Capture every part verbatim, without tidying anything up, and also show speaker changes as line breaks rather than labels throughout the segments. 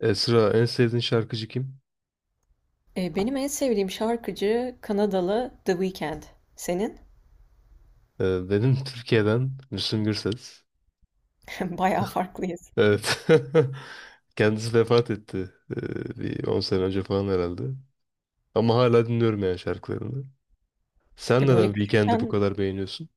E, sıra en sevdiğin şarkıcı kim?
Eee, benim en sevdiğim şarkıcı Kanadalı The Weeknd. Senin?
E, benim Türkiye'den Müslüm Gürses.
Bayağı farklıyız.
Evet. Kendisi vefat etti. E, bir on sene önce falan herhalde. Ama hala dinliyorum yani şarkılarını. Sen
E, böyle
neden Weekend'i bu
küçükken,
kadar beğeniyorsun?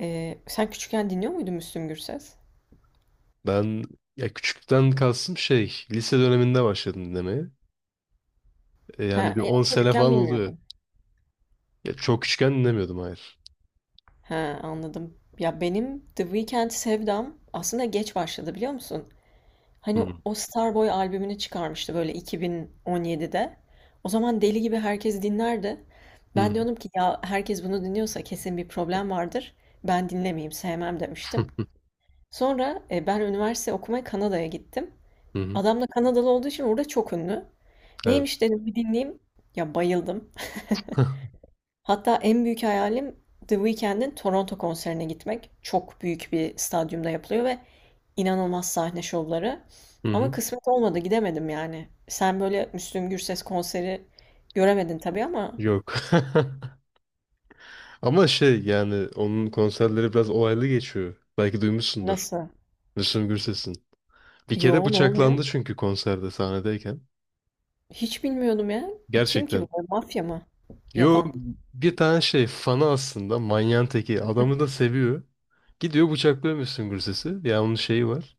eee, sen küçükken dinliyor muydun Müslüm Gürses?
Ben ya küçükten kalsın şey lise döneminde başladım dinlemeye. E, yani
Ha,
bir
e, ya
on sene
çocukken
falan oluyor.
bilmiyordum.
Ya, çok küçükken dinlemiyordum, hayır.
Ha, anladım. Ya benim The Weeknd sevdam aslında geç başladı, biliyor musun?
Hı
Hani
hı.
o Starboy albümünü çıkarmıştı böyle iki bin on yedide. O zaman deli gibi herkes dinlerdi. Ben diyordum ki ya herkes bunu dinliyorsa kesin bir problem vardır. Ben dinlemeyeyim, sevmem demiştim. Sonra, eee, ben üniversite okumaya Kanada'ya gittim.
Hı hı.
Adam da Kanadalı olduğu için orada çok ünlü.
Evet.
Neymiş dedim, bir dinleyeyim. Ya bayıldım. Hatta en büyük hayalim The Weeknd'in Toronto konserine gitmek. Çok büyük bir stadyumda yapılıyor ve inanılmaz sahne şovları.
Hı
Ama
hı.
kısmet olmadı, gidemedim yani. Sen böyle Müslüm Gürses konseri göremedin tabii ama
Yok. Ama şey yani onun konserleri biraz olaylı geçiyor. Belki duymuşsundur.
nasıl?
Müslüm Gürses'in. Bir kere
Yo, ne oluyor?
bıçaklandı çünkü konserde sahnedeyken.
Hiç bilmiyordum ya. E, kim ki bu?
Gerçekten.
Mafya mı
Yo,
yapan?
bir tane şey fanı aslında, manyağın teki. Adamı da seviyor. Gidiyor bıçaklıyor Müslüm Gürses'i. Ya onun şeyi var.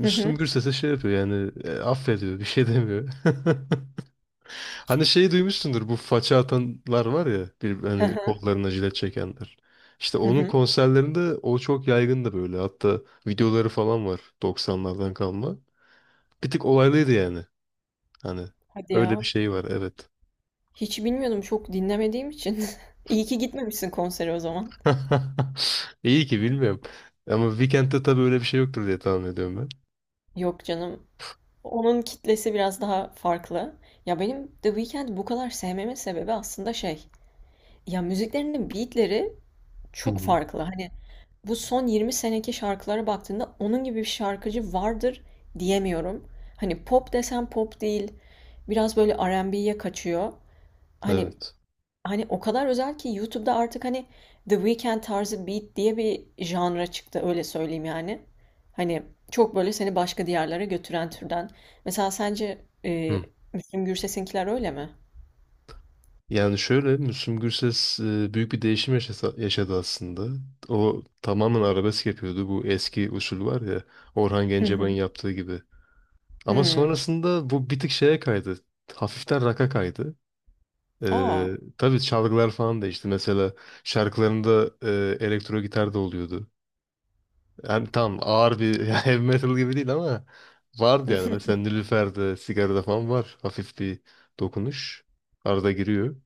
Hı hı.
Gürses'e şey yapıyor yani e, affediyor, bir şey demiyor. Hani şeyi duymuşsundur, bu faça atanlar var ya bir,
Hı
hani
hı.
kollarına jilet çekenler. İşte
Hı
onun
hı.
konserlerinde o çok yaygındı böyle. Hatta videoları falan var doksanlardan kalma. Bir tık olaylıydı yani. Hani
Hadi
öyle bir
ya.
şey var, evet.
Hiç bilmiyordum çok dinlemediğim için. İyi ki gitmemişsin konsere o zaman.
İyi ki bilmiyorum. Ama Weekend'de tabii öyle bir şey yoktur diye tahmin ediyorum ben.
Yok canım. Onun kitlesi biraz daha farklı. Ya benim The Weeknd'i bu kadar sevmemin sebebi aslında şey. Ya müziklerinin beatleri
Hı
çok
hı.
farklı. Hani bu son yirmi seneki şarkılara baktığında onun gibi bir şarkıcı vardır diyemiyorum. Hani pop desem pop değil. Biraz böyle R and B'ye kaçıyor. Hani
Evet.
Hani o kadar özel ki YouTube'da artık hani The Weeknd tarzı beat diye bir janra çıktı, öyle söyleyeyim yani. Hani çok böyle seni başka diyarlara götüren türden. Mesela sence e,
Hı.
Müslüm Gürses'inkiler öyle mi?
Yani şöyle, Müslüm Gürses e, büyük bir değişim yaşasa- yaşadı aslında. O tamamen arabesk yapıyordu. Bu eski usul var ya, Orhan
Hı hı.
Gencebay'ın yaptığı gibi. Ama
Hmm.
sonrasında bu bir tık şeye kaydı. Hafiften rock'a kaydı.
Aa.
Ee, tabii çalgılar falan değişti. Mesela şarkılarında e, elektro gitar da oluyordu. Yani tam ağır bir heavy metal gibi değil ama vardı yani. Mesela Nilüfer'de, Sigara'da falan var. Hafif bir dokunuş. Arada giriyor.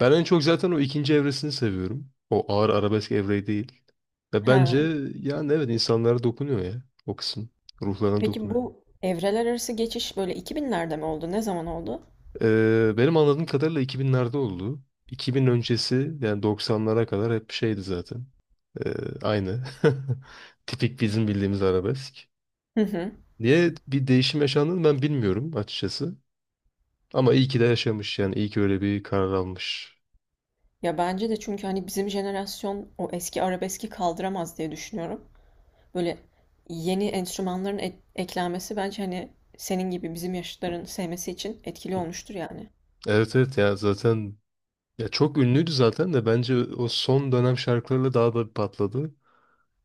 Ben en çok zaten o ikinci evresini seviyorum. O ağır arabesk evreyi değil. Ve bence
Ha.
yani evet, insanlara dokunuyor ya o kısım. Ruhlarına
Peki
dokunuyor.
bu evreler arası geçiş böyle iki binlerde mi oldu? Ne zaman oldu?
Ee, benim anladığım kadarıyla iki binlerde oldu. iki bin öncesi yani doksanlara kadar hep şeydi zaten. Ee, Aynı. Tipik bizim bildiğimiz arabesk.
Hı hı.
Niye bir değişim yaşandığını ben bilmiyorum açıkçası. Ama iyi ki de yaşamış yani, iyi ki öyle bir karar almış.
Ya bence de, çünkü hani bizim jenerasyon o eski arabeski kaldıramaz diye düşünüyorum. Böyle yeni enstrümanların ek- eklenmesi bence hani senin gibi bizim yaşıtların sevmesi için etkili olmuştur yani.
Evet, evet, ya zaten. Ya çok ünlüydü zaten de bence o son dönem şarkılarıyla daha da bir patladı.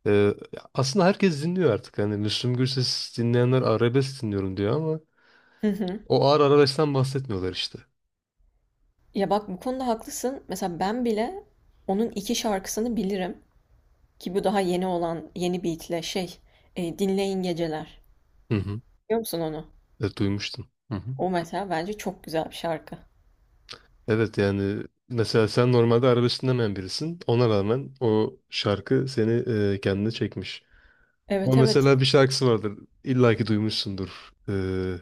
Ee, Ya aslında herkes dinliyor artık. Hani Müslüm Gürses dinleyenler arabesk dinliyorum diyor ama
Hı hı.
o ağır arabeskten bahsetmiyorlar işte.
Ya bak, bu konuda haklısın. Mesela ben bile onun iki şarkısını bilirim ki bu daha yeni olan, yeni beatle, şey, e, Dinleyin Geceler.
Hı hı.
Biliyor musun onu?
Evet, duymuştum. Hı hı.
O mesela bence çok güzel bir şarkı.
Evet yani mesela sen normalde arabesk dinlemeyen birisin. Ona rağmen o şarkı seni e, kendine çekmiş. Ama
Evet, evet.
mesela bir şarkısı vardır. İlla ki duymuşsundur. Ee,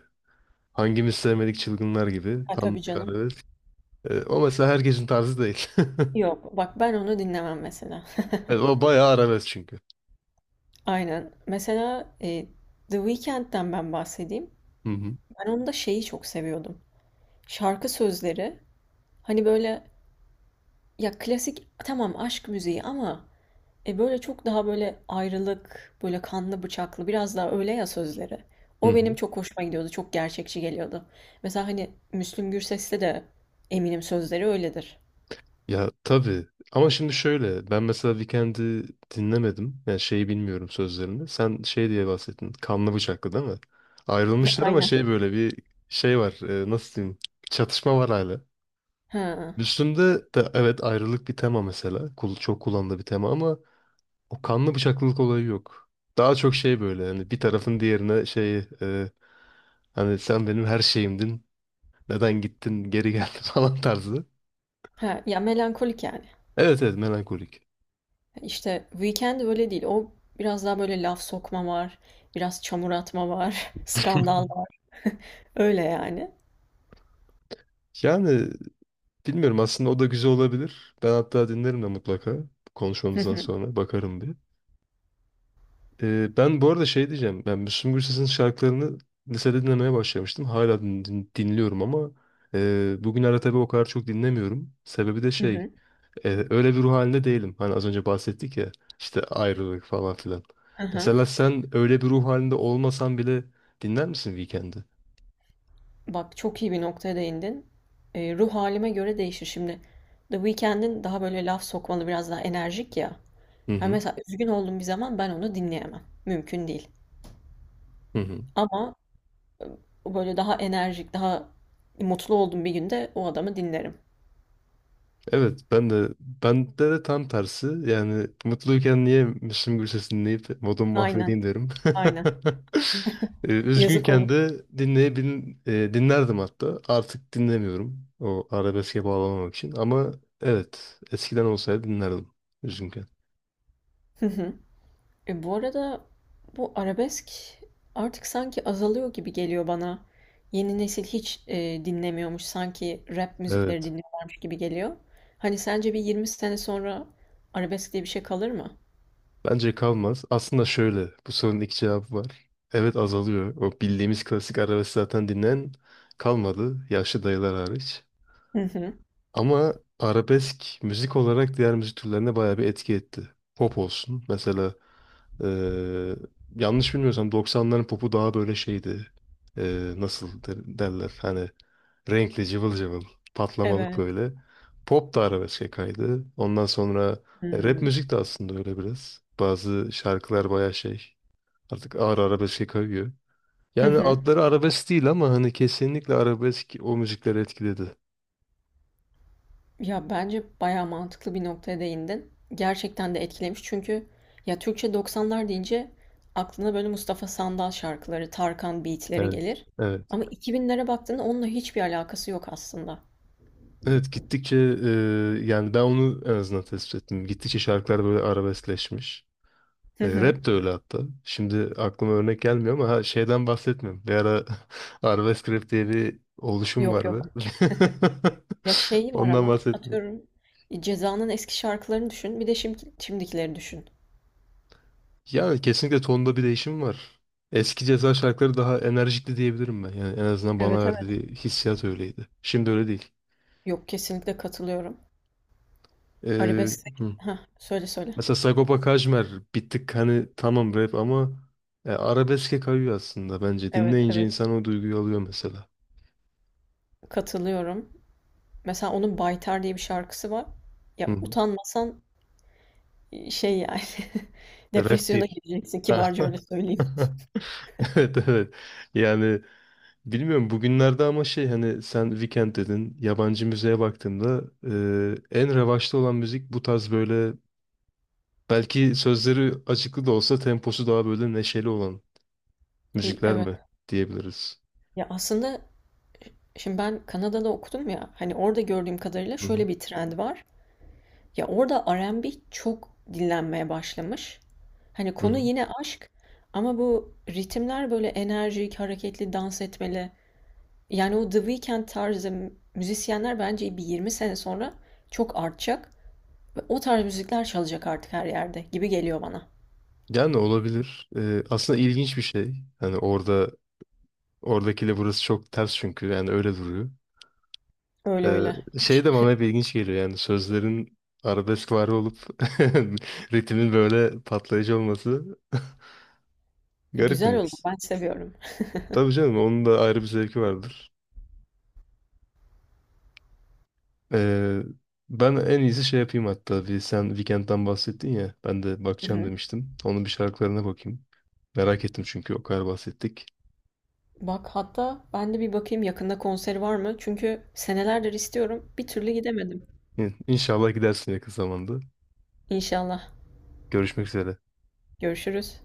Hangimiz sevmedik çılgınlar gibi.
Ha
Tam
tabii
bir
canım.
arabesk. Ee, o mesela herkesin tarzı değil.
Yok bak, ben onu dinlemem mesela.
Evet, o bayağı arabesk çünkü.
Aynen. Mesela, e, The Weeknd'den ben bahsedeyim.
Hı hı.
Ben onda şeyi çok seviyordum. Şarkı sözleri hani böyle, ya klasik tamam aşk müziği ama e böyle çok daha böyle ayrılık, böyle kanlı bıçaklı, biraz daha öyle ya sözleri.
Hı
O benim
hı.
çok hoşuma gidiyordu. Çok gerçekçi geliyordu. Mesela hani Müslüm Gürses'te de eminim sözleri öyledir.
Ya tabii. Ama şimdi şöyle. Ben mesela Weekend'i dinlemedim. Yani şeyi bilmiyorum, sözlerini. Sen şey diye bahsettin. Kanlı bıçaklı değil mi? Ayrılmışlar ama
Aynen.
şey böyle bir şey var. E, nasıl diyeyim? Çatışma var hala.
Ha.
Müslüm'de de evet, ayrılık bir tema mesela. Kul- Çok kullanılan bir tema ama o kanlı bıçaklılık olayı yok. Daha çok şey böyle hani bir tarafın diğerine şey e, hani sen benim her şeyimdin. Neden gittin, geri geldin falan tarzı.
Ha, ya melankolik yani.
Evet, evet, melankolik.
İşte Weekend öyle değil. O biraz daha böyle laf sokma var, biraz çamur atma var, skandal var. Öyle yani.
Yani bilmiyorum aslında, o da güzel olabilir. Ben hatta dinlerim de mutlaka.
Hı
Konuşmamızdan
hı.
sonra bakarım bir. Ee, ben bu arada şey diyeceğim. Ben Müslüm Gürses'in şarkılarını lisede dinlemeye başlamıştım. Hala din- din- dinliyorum ama e, bugünlerde tabii o kadar çok dinlemiyorum. Sebebi de şey.
Hı.
E, öyle bir ruh halinde değilim. Hani az önce bahsettik ya, işte ayrılık falan filan. Mesela sen öyle bir ruh halinde olmasan bile dinler misin Weekend'i?
Bak, çok iyi bir noktaya değindin. Eee, ruh halime göre değişir. Şimdi The Weeknd'in daha böyle laf sokmalı, biraz daha enerjik ya.
Hı
Ha
hı.
mesela üzgün olduğum bir zaman ben onu dinleyemem. Mümkün değil.
Hı hı.
Ama o böyle daha enerjik, daha mutlu olduğum bir günde o adamı dinlerim.
Evet, ben de, bende de tam tersi yani mutluyken niye Müslüm Gürses dinleyip modumu
Aynen,
mahvedeyim derim.
aynen.
Ee,
Yazık
Üzgünken
olur.
de dinleyebil e, dinlerdim hatta, artık dinlemiyorum o arabeske bağlamamak için ama evet, eskiden olsaydı dinlerdim üzgünken.
E, bu arada bu arabesk artık sanki azalıyor gibi geliyor bana. Yeni nesil hiç e, dinlemiyormuş. Sanki rap müzikleri
Evet,
dinliyorlarmış gibi geliyor. Hani sence bir yirmi sene sonra arabesk diye bir şey kalır mı?
bence kalmaz aslında, şöyle, bu sorunun iki cevabı var. Evet, azalıyor, o bildiğimiz klasik arabesk zaten dinleyen kalmadı, yaşlı dayılar hariç.
Hı hı.
Ama arabesk müzik olarak diğer müzik türlerine bayağı bir etki etti. Pop olsun. Mesela eee, yanlış bilmiyorsam doksanların popu daha böyle şeydi. Eee, nasıl der- derler, hani renkli, cıvıl cıvıl, patlamalık
Evet.
böyle. Pop da arabeske kaydı. Ondan sonra e, rap
Hmm.
müzik de aslında öyle biraz. Bazı şarkılar bayağı şey, artık ağır arabeske kayıyor.
Hı
Yani
hı.
adları arabesk değil ama hani kesinlikle arabesk o müzikleri etkiledi.
Ya bence bayağı mantıklı bir noktaya değindin. Gerçekten de etkilemiş, çünkü ya Türkçe doksanlar deyince aklına böyle Mustafa Sandal şarkıları, Tarkan beatleri
Evet.
gelir.
Evet.
Ama iki binlere baktığında onunla hiçbir alakası yok aslında.
Evet, gittikçe e, yani ben onu en azından tespit ettim. Gittikçe şarkılar böyle arabeskleşmiş.
Hı
E,
hı.
rap de öyle hatta. Şimdi aklıma örnek gelmiyor ama ha, şeyden bahsetmiyorum. Bir ara arabesk rap diye bir oluşum
Yok,
vardı.
yok. Ya şey var
Ondan
ama
bahsetmiyorum.
atıyorum, e, Ceza'nın eski şarkılarını düşün. Bir de şimdi, şimdikileri düşün.
Yani kesinlikle tonda bir değişim var. Eski Ceza şarkıları daha enerjikti diyebilirim ben. Yani en azından bana
Evet,
verdiği
evet.
hissiyat öyleydi. Şimdi öyle değil.
Yok, kesinlikle katılıyorum.
E,
Arabesk.
hı.
Ha söyle, söyle.
Mesela Sagopa Kajmer bir tık hani tamam rap ama e, arabeske kayıyor aslında bence.
Evet,
Dinleyince
evet.
insan o duyguyu alıyor mesela.
Katılıyorum. Mesela onun Baytar diye bir şarkısı var.
Hı
Ya
hı.
utanmasan, e, şey yani,
Rap
depresyona
değil.
gireceksin,
Ha.
kibarca öyle söyleyeyim.
Evet, evet. Yani bilmiyorum bugünlerde ama şey hani sen Weekend dedin. Yabancı müziğe baktığımda e, en revaçta olan müzik bu tarz böyle, belki sözleri açıklı da olsa temposu daha böyle neşeli olan
İ-
müzikler
Evet.
mi diyebiliriz?
Ya aslında şimdi ben Kanada'da okudum ya, hani orada gördüğüm kadarıyla
Hı hı.
şöyle bir trend var. Ya orada R and B çok dinlenmeye başlamış. Hani
Hı
konu
hı.
yine aşk ama bu ritimler böyle enerjik, hareketli, dans etmeli. Yani o The Weeknd tarzı müzisyenler bence bir yirmi sene sonra çok artacak ve o tarz müzikler çalacak artık her yerde gibi geliyor bana.
Yani olabilir. Ee, aslında ilginç bir şey. Hani orada oradakiyle burası çok ters çünkü yani öyle duruyor.
Öyle
Ee,
öyle.
şey
Hiç
de bana hep ilginç geliyor yani sözlerin arabesk var olup ritmin böyle patlayıcı olması garip bir
güzel oldu.
mix.
Ben seviyorum.
Tabii canım, onun da ayrı bir zevki vardır. Ee, Ben en iyisi şey yapayım, hatta bir sen Weekend'den bahsettin ya, ben de
Hı
bakacağım
hı.
demiştim. Onun bir şarkılarına bakayım. Merak ettim çünkü o kadar bahsettik.
Bak hatta ben de bir bakayım, yakında konseri var mı? Çünkü senelerdir istiyorum. Bir türlü gidemedim.
İn- İnşallah gidersin yakın zamanda.
İnşallah.
Görüşmek üzere.
Görüşürüz.